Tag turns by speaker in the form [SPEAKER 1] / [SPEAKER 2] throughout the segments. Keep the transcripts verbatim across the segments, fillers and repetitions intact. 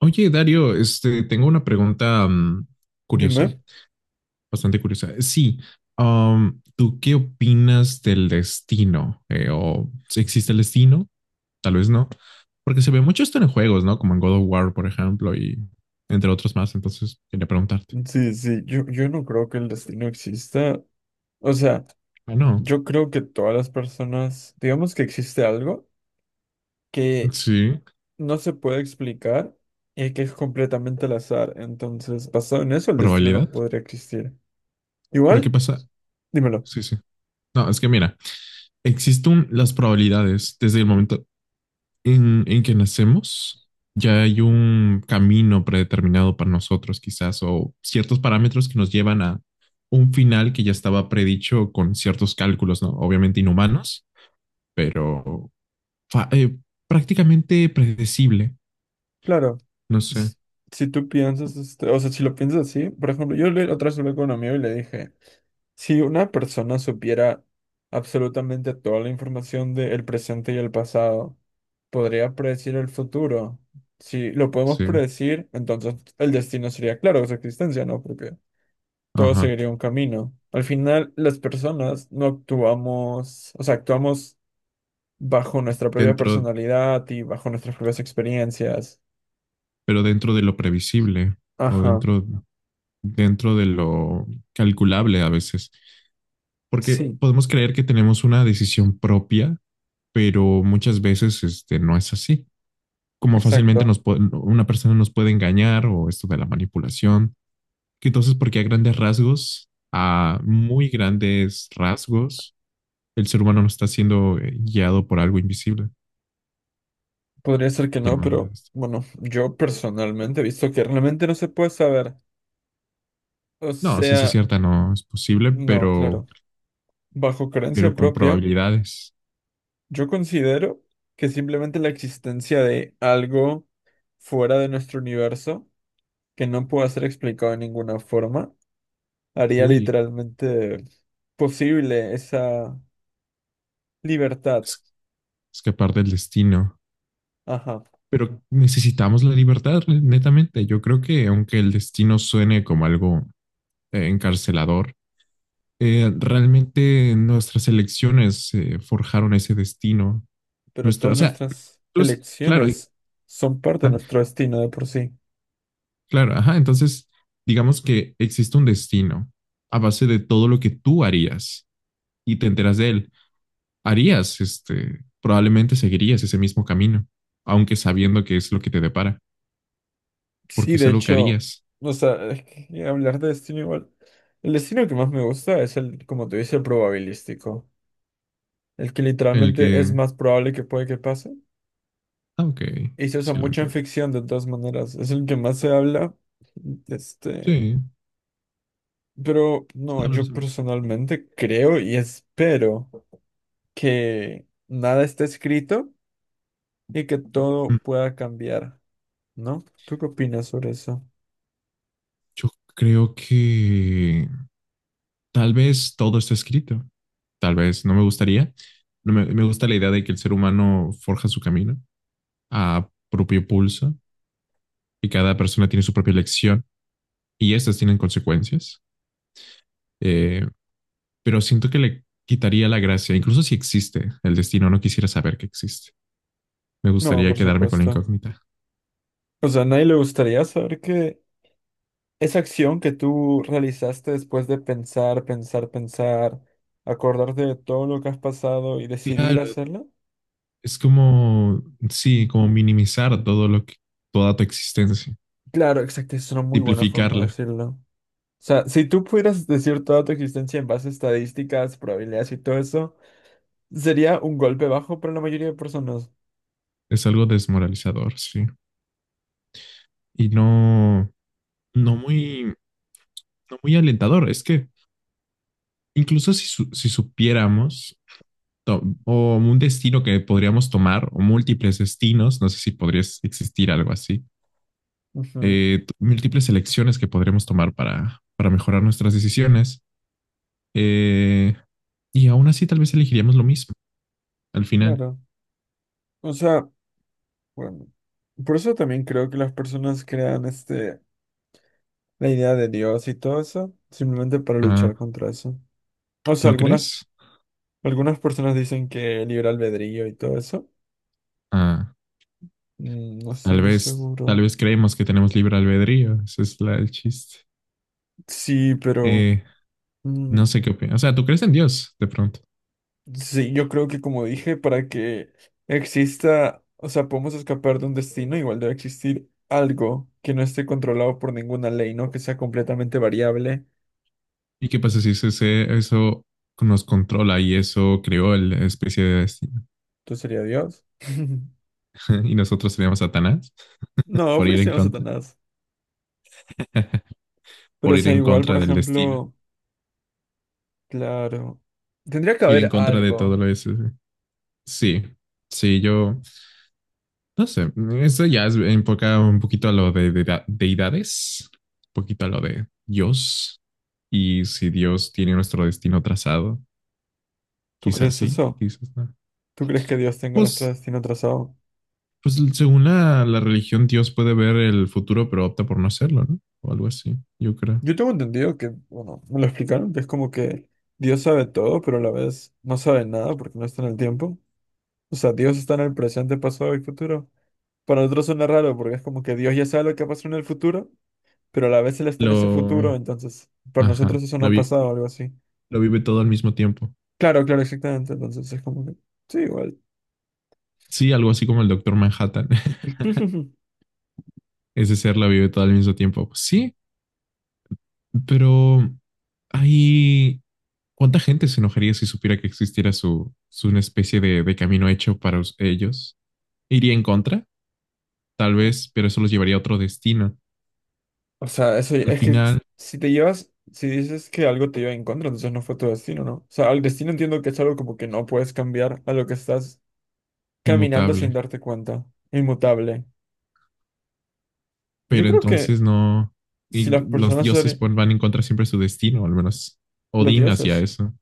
[SPEAKER 1] Oye, Dario, este, tengo una pregunta mm, curiosa,
[SPEAKER 2] Dime.
[SPEAKER 1] bastante curiosa. Sí, um, ¿tú qué opinas del destino? Eh, ¿o si existe el destino? Tal vez no, porque se ve mucho esto en juegos, ¿no? Como en God of War, por ejemplo, y entre otros más. Entonces, quería preguntarte.
[SPEAKER 2] Sí, sí, yo, yo no creo que el destino exista. O sea,
[SPEAKER 1] Bueno,
[SPEAKER 2] yo creo que todas las personas, digamos que existe algo que
[SPEAKER 1] sí,
[SPEAKER 2] no se puede explicar y que es completamente al azar. Entonces, basado en eso, el destino no
[SPEAKER 1] probabilidad.
[SPEAKER 2] podría existir.
[SPEAKER 1] ¿Pero qué
[SPEAKER 2] Igual,
[SPEAKER 1] pasa?
[SPEAKER 2] dímelo.
[SPEAKER 1] Sí, sí. No, es que mira, existen las probabilidades desde el momento en, en que nacemos, ya hay un camino predeterminado para nosotros, quizás, o ciertos parámetros que nos llevan a un final que ya estaba predicho con ciertos cálculos, ¿no? Obviamente inhumanos, pero fa- eh, prácticamente predecible,
[SPEAKER 2] Claro,
[SPEAKER 1] no sé,
[SPEAKER 2] s- si, tú piensas, este, o sea, si lo piensas así, por ejemplo, yo le- otra vez hablé con un amigo y le dije. Si una persona supiera absolutamente toda la información del presente y el pasado, podría predecir el futuro. Si lo podemos
[SPEAKER 1] sí,
[SPEAKER 2] predecir, entonces el destino sería claro de su existencia, ¿no? Porque todo
[SPEAKER 1] ajá,
[SPEAKER 2] seguiría un camino. Al final, las personas no actuamos, o sea, actuamos bajo nuestra propia
[SPEAKER 1] dentro,
[SPEAKER 2] personalidad y bajo nuestras propias experiencias.
[SPEAKER 1] pero dentro de lo previsible o
[SPEAKER 2] Ajá,
[SPEAKER 1] dentro, dentro de lo calculable a veces. Porque
[SPEAKER 2] sí,
[SPEAKER 1] podemos creer que tenemos una decisión propia, pero muchas veces este, no es así. Como fácilmente
[SPEAKER 2] exacto.
[SPEAKER 1] nos puede- una persona nos puede engañar o esto de la manipulación. Que entonces, porque a grandes rasgos, a muy grandes rasgos, el ser humano no está siendo eh, guiado por algo invisible,
[SPEAKER 2] Podría ser que no,
[SPEAKER 1] llamémoslo de
[SPEAKER 2] pero
[SPEAKER 1] esto.
[SPEAKER 2] bueno, yo personalmente he visto que realmente no se puede saber. O
[SPEAKER 1] No, ciencia
[SPEAKER 2] sea,
[SPEAKER 1] cierta no es posible,
[SPEAKER 2] no,
[SPEAKER 1] pero,
[SPEAKER 2] claro. Bajo creencia
[SPEAKER 1] pero con
[SPEAKER 2] propia,
[SPEAKER 1] probabilidades.
[SPEAKER 2] yo considero que simplemente la existencia de algo fuera de nuestro universo, que no pueda ser explicado de ninguna forma, haría
[SPEAKER 1] Uy,
[SPEAKER 2] literalmente posible esa libertad.
[SPEAKER 1] es- escapar del destino.
[SPEAKER 2] Ajá,
[SPEAKER 1] Pero necesitamos la libertad, netamente. Yo creo que aunque el destino suene como algo eh, encarcelador, eh, realmente nuestras elecciones eh, forjaron ese destino.
[SPEAKER 2] pero
[SPEAKER 1] Nuestra,
[SPEAKER 2] todas
[SPEAKER 1] o sea,
[SPEAKER 2] nuestras
[SPEAKER 1] los- claro, eh,
[SPEAKER 2] elecciones son parte de
[SPEAKER 1] ah,
[SPEAKER 2] nuestro destino de por sí.
[SPEAKER 1] claro, ajá. Entonces, digamos que existe un destino a base de todo lo que tú harías y te enteras de él. Harías, este, probablemente seguirías ese mismo camino, aunque sabiendo que es lo que te depara, porque
[SPEAKER 2] Sí,
[SPEAKER 1] es
[SPEAKER 2] de
[SPEAKER 1] algo que
[SPEAKER 2] hecho,
[SPEAKER 1] harías,
[SPEAKER 2] o sea, es que hablar de destino igual. El destino que más me gusta es el, como te dice, probabilístico. El que
[SPEAKER 1] el
[SPEAKER 2] literalmente es
[SPEAKER 1] que.
[SPEAKER 2] más probable que puede que pase.
[SPEAKER 1] Ah, ok,
[SPEAKER 2] Y se usa
[SPEAKER 1] sí lo
[SPEAKER 2] mucho en
[SPEAKER 1] entiendo.
[SPEAKER 2] ficción de todas maneras. Es el que más se habla. Este.
[SPEAKER 1] Sí,
[SPEAKER 2] Pero
[SPEAKER 1] sin
[SPEAKER 2] no,
[SPEAKER 1] hablar
[SPEAKER 2] yo
[SPEAKER 1] se.
[SPEAKER 2] personalmente creo y espero que nada esté escrito y que todo
[SPEAKER 1] Mm.
[SPEAKER 2] pueda cambiar, ¿no? ¿Tú qué opinas sobre eso?
[SPEAKER 1] Yo creo que tal vez todo está escrito. Tal vez no me gustaría. No me, me gusta la idea de que el ser humano forja su camino a propio pulso y cada persona tiene su propia elección y estas tienen consecuencias. Eh, pero siento que le quitaría la gracia, incluso si existe el destino, no quisiera saber que existe. Me
[SPEAKER 2] No,
[SPEAKER 1] gustaría
[SPEAKER 2] por
[SPEAKER 1] quedarme con la
[SPEAKER 2] supuesto.
[SPEAKER 1] incógnita.
[SPEAKER 2] O sea, a nadie le gustaría saber que esa acción que tú realizaste después de pensar, pensar, pensar, acordarte de todo lo que has pasado y decidir
[SPEAKER 1] Claro,
[SPEAKER 2] hacerla.
[SPEAKER 1] es como, sí, como minimizar todo lo que, toda tu existencia,
[SPEAKER 2] Claro, exacto, es una muy buena forma de
[SPEAKER 1] simplificarla.
[SPEAKER 2] decirlo. O sea, si tú pudieras decir toda tu existencia en base a estadísticas, probabilidades y todo eso, sería un golpe bajo para la mayoría de personas.
[SPEAKER 1] Es algo desmoralizador, sí. Y no, no muy, no muy alentador. Es que incluso si, su- si supiéramos to- o un destino que podríamos tomar o múltiples destinos, no sé si podría existir algo así,
[SPEAKER 2] Ujú,
[SPEAKER 1] eh, t- múltiples elecciones que podríamos tomar para, para mejorar nuestras decisiones. Eh, y aún así tal vez elegiríamos lo mismo al final.
[SPEAKER 2] claro. O sea, bueno, por eso también creo que las personas crean este, la idea de Dios y todo eso, simplemente para luchar
[SPEAKER 1] Ah,
[SPEAKER 2] contra eso. O sea,
[SPEAKER 1] ¿no
[SPEAKER 2] algunas,
[SPEAKER 1] crees?
[SPEAKER 2] algunas personas dicen que libre albedrío y todo eso.
[SPEAKER 1] Ah,
[SPEAKER 2] Mm, no estoy
[SPEAKER 1] tal
[SPEAKER 2] muy
[SPEAKER 1] vez, tal
[SPEAKER 2] seguro.
[SPEAKER 1] vez creemos que tenemos libre albedrío. Ese es la, el chiste.
[SPEAKER 2] Sí, pero...
[SPEAKER 1] Eh,
[SPEAKER 2] mm,
[SPEAKER 1] no sé qué opinas. O sea, tú crees en Dios de pronto.
[SPEAKER 2] Sí, yo creo que como dije, para que exista, o sea, podemos escapar de un destino, igual debe existir algo que no esté controlado por ninguna ley, ¿no? Que sea completamente variable.
[SPEAKER 1] ¿Y qué pasa si ese- ese- eso nos controla y eso creó la especie de destino?
[SPEAKER 2] Entonces sería Dios.
[SPEAKER 1] Y nosotros seríamos Satanás
[SPEAKER 2] No,
[SPEAKER 1] por
[SPEAKER 2] porque
[SPEAKER 1] ir
[SPEAKER 2] se
[SPEAKER 1] en
[SPEAKER 2] llama
[SPEAKER 1] contra,
[SPEAKER 2] Satanás. Pero
[SPEAKER 1] por
[SPEAKER 2] o
[SPEAKER 1] ir
[SPEAKER 2] sea,
[SPEAKER 1] en
[SPEAKER 2] igual, por
[SPEAKER 1] contra del destino,
[SPEAKER 2] ejemplo, claro, tendría que
[SPEAKER 1] ir en
[SPEAKER 2] haber
[SPEAKER 1] contra de todo
[SPEAKER 2] algo.
[SPEAKER 1] lo eso. Sí, sí, yo. No sé, eso ya es enfoca un poquito a lo de, de- de- deidades, un poquito a lo de Dios. Y si Dios tiene nuestro destino trazado,
[SPEAKER 2] ¿Tú
[SPEAKER 1] quizás
[SPEAKER 2] crees
[SPEAKER 1] sí,
[SPEAKER 2] eso?
[SPEAKER 1] quizás no.
[SPEAKER 2] ¿Tú crees que Dios tenga nuestro
[SPEAKER 1] Pues,
[SPEAKER 2] destino trazado?
[SPEAKER 1] pues según la, la religión, Dios puede ver el futuro, pero opta por no hacerlo, ¿no? O algo así, yo creo.
[SPEAKER 2] Yo tengo entendido que, bueno, me lo explicaron, que es como que Dios sabe todo, pero a la vez no sabe nada porque no está en el tiempo. O sea, Dios está en el presente, pasado y futuro. Para nosotros suena raro porque es como que Dios ya sabe lo que pasó en el futuro, pero a la vez Él está en ese
[SPEAKER 1] Lo,
[SPEAKER 2] futuro, entonces para nosotros
[SPEAKER 1] ajá,
[SPEAKER 2] eso no
[SPEAKER 1] la
[SPEAKER 2] ha
[SPEAKER 1] vi-
[SPEAKER 2] pasado o algo así.
[SPEAKER 1] lo vive todo al mismo tiempo.
[SPEAKER 2] Claro, claro, exactamente. Entonces es como que, sí, igual.
[SPEAKER 1] Sí, algo así como el Doctor Manhattan. Ese ser la vive todo al mismo tiempo. Sí, pero ahí. ¿Cuánta gente se enojaría si supiera que existiera su, su una especie de, de camino hecho para us- ellos? ¿Iría en contra? Tal vez, pero eso los llevaría a otro destino.
[SPEAKER 2] O sea, eso ya-
[SPEAKER 1] Al
[SPEAKER 2] es que s-
[SPEAKER 1] final,
[SPEAKER 2] si te llevas, si dices que algo te lleva en contra, entonces no fue tu destino, ¿no? O sea, al destino entiendo que es algo como que no puedes cambiar a lo que estás caminando sin
[SPEAKER 1] inmutable.
[SPEAKER 2] darte cuenta, inmutable. Yo
[SPEAKER 1] Pero
[SPEAKER 2] creo que
[SPEAKER 1] entonces no. Y
[SPEAKER 2] si las
[SPEAKER 1] los
[SPEAKER 2] personas,
[SPEAKER 1] dioses
[SPEAKER 2] serían-
[SPEAKER 1] pon- van en contra siempre de su destino, al menos
[SPEAKER 2] los
[SPEAKER 1] Odín hacía
[SPEAKER 2] dioses.
[SPEAKER 1] eso.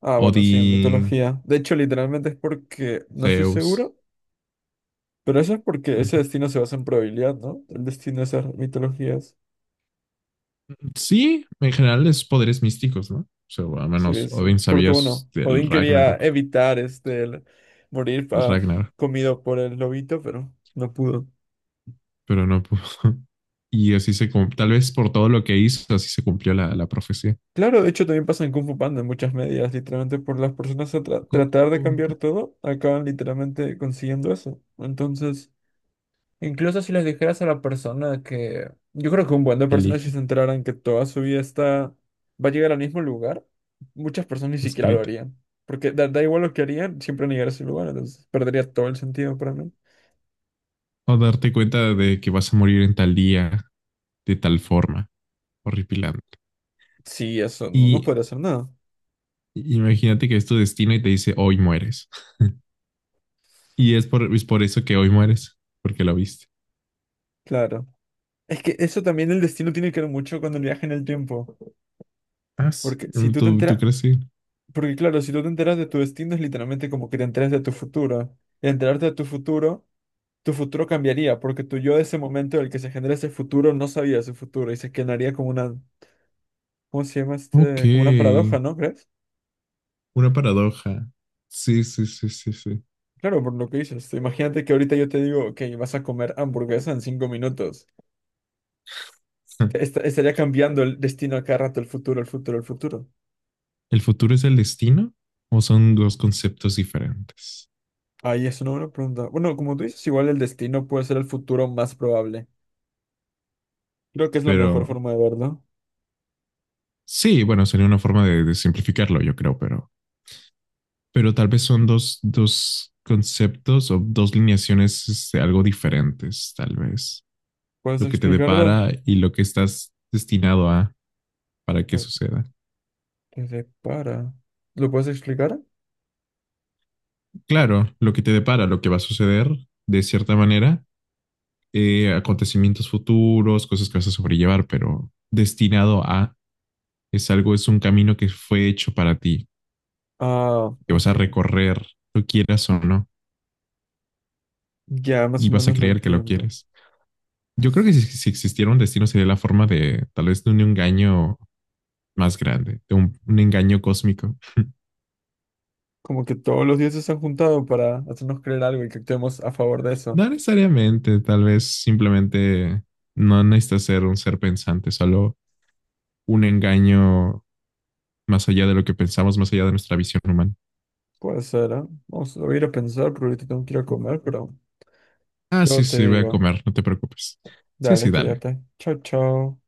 [SPEAKER 2] Ah, bueno, sí, en
[SPEAKER 1] Odín,
[SPEAKER 2] mitología. De hecho, literalmente es porque, no estoy
[SPEAKER 1] Zeus.
[SPEAKER 2] seguro, pero eso es porque ese
[SPEAKER 1] Ujú.
[SPEAKER 2] destino se basa en probabilidad, ¿no? El destino de esas mitologías.
[SPEAKER 1] Sí, en general es poderes místicos, ¿no? O sea, al menos
[SPEAKER 2] Sí, sí.
[SPEAKER 1] Odín
[SPEAKER 2] Porque,
[SPEAKER 1] sabía s-
[SPEAKER 2] bueno,
[SPEAKER 1] del
[SPEAKER 2] Odín quería
[SPEAKER 1] Ragnarok.
[SPEAKER 2] evitar este, el morir
[SPEAKER 1] El
[SPEAKER 2] ah,
[SPEAKER 1] Ragnarok.
[SPEAKER 2] comido por el lobito, pero no pudo.
[SPEAKER 1] Pero no pudo. Y así se cum- tal vez por todo lo que hizo, así se cumplió la, la profecía.
[SPEAKER 2] Claro, de hecho, también pasa en Kung Fu Panda en muchas medidas. Literalmente, por las personas a tra- tratar de
[SPEAKER 1] Como
[SPEAKER 2] cambiar
[SPEAKER 1] para
[SPEAKER 2] todo, acaban literalmente consiguiendo eso. Entonces. Incluso si les dijeras a la persona que... Yo creo que un buen de
[SPEAKER 1] que
[SPEAKER 2] personas si
[SPEAKER 1] elija,
[SPEAKER 2] se enteraran que toda su vida está... va a llegar al mismo lugar, muchas personas ni siquiera lo
[SPEAKER 1] escrita.
[SPEAKER 2] harían. Porque da, da igual lo que harían, siempre van a llegar a ese lugar, entonces perdería todo el sentido para mí.
[SPEAKER 1] O darte cuenta de que vas a morir en tal día, de tal forma, horripilante.
[SPEAKER 2] Sí, eso, no, no
[SPEAKER 1] Y
[SPEAKER 2] puede hacer nada.
[SPEAKER 1] imagínate que es tu destino y te dice, hoy mueres. Y es por, es por eso que hoy mueres, porque lo viste.
[SPEAKER 2] Claro. Es que eso también el destino tiene que ver mucho con el viaje en el tiempo.
[SPEAKER 1] Ah, sí.
[SPEAKER 2] Porque si tú te
[SPEAKER 1] ¿Tú, tú
[SPEAKER 2] enteras...
[SPEAKER 1] crees? Sí.
[SPEAKER 2] Porque claro, si tú te enteras de tu destino es literalmente como que te enteras de tu futuro. Y enterarte de tu futuro Tu futuro cambiaría porque tu yo de ese momento en el que se genera ese futuro no sabía su futuro y se quedaría como una, ¿cómo se llama
[SPEAKER 1] Ok,
[SPEAKER 2] este? Como una paradoja, ¿no crees?
[SPEAKER 1] una paradoja. Sí, sí, sí, sí, sí.
[SPEAKER 2] Claro, por lo que dices. este, Imagínate que ahorita yo te digo que vas a comer hamburguesa en cinco minutos. Est- estaría cambiando el destino a cada rato, el futuro, el futuro, el futuro.
[SPEAKER 1] ¿El futuro es el destino o son dos conceptos diferentes?
[SPEAKER 2] Ahí es una buena pregunta. Bueno, como tú dices, igual el destino puede ser el futuro más probable. Creo que es la mejor
[SPEAKER 1] Pero
[SPEAKER 2] forma de verlo.
[SPEAKER 1] sí, bueno, sería una forma de, de simplificarlo, yo creo, pero, pero tal vez son dos, dos conceptos o dos lineaciones este, algo diferentes, tal vez.
[SPEAKER 2] ¿Puedes
[SPEAKER 1] Lo que te
[SPEAKER 2] explicarlo?
[SPEAKER 1] depara y lo que estás destinado a para que
[SPEAKER 2] Lo que
[SPEAKER 1] suceda.
[SPEAKER 2] te depara. ¿Lo puedes explicar?
[SPEAKER 1] Claro, lo que te depara, lo que va a suceder, de cierta manera, eh, acontecimientos futuros, cosas que vas a sobrellevar, pero destinado a es algo, es un camino que fue hecho para ti,
[SPEAKER 2] Ah,
[SPEAKER 1] que vas a
[SPEAKER 2] ok.
[SPEAKER 1] recorrer, lo quieras o no,
[SPEAKER 2] Ya más
[SPEAKER 1] y
[SPEAKER 2] o
[SPEAKER 1] vas a
[SPEAKER 2] menos lo
[SPEAKER 1] creer que lo
[SPEAKER 2] entiendo.
[SPEAKER 1] quieres. Yo creo que si, si existiera un destino sería la forma de tal vez de un engaño más grande, de un, un engaño cósmico.
[SPEAKER 2] Como que todos los dioses se han juntado para hacernos creer algo y que actuemos a favor de eso.
[SPEAKER 1] No necesariamente, tal vez simplemente no necesita ser un ser pensante, solo un engaño más allá de lo que pensamos, más allá de nuestra visión humana.
[SPEAKER 2] Puede ser, ¿eh? Vamos lo voy a ir a pensar, pero ahorita tengo que ir a comer, pero
[SPEAKER 1] Ah, sí,
[SPEAKER 2] luego te
[SPEAKER 1] sí, voy a
[SPEAKER 2] digo.
[SPEAKER 1] comer, no te preocupes. Sí, sí,
[SPEAKER 2] Dale,
[SPEAKER 1] dale.
[SPEAKER 2] cuídate. Chao, chao.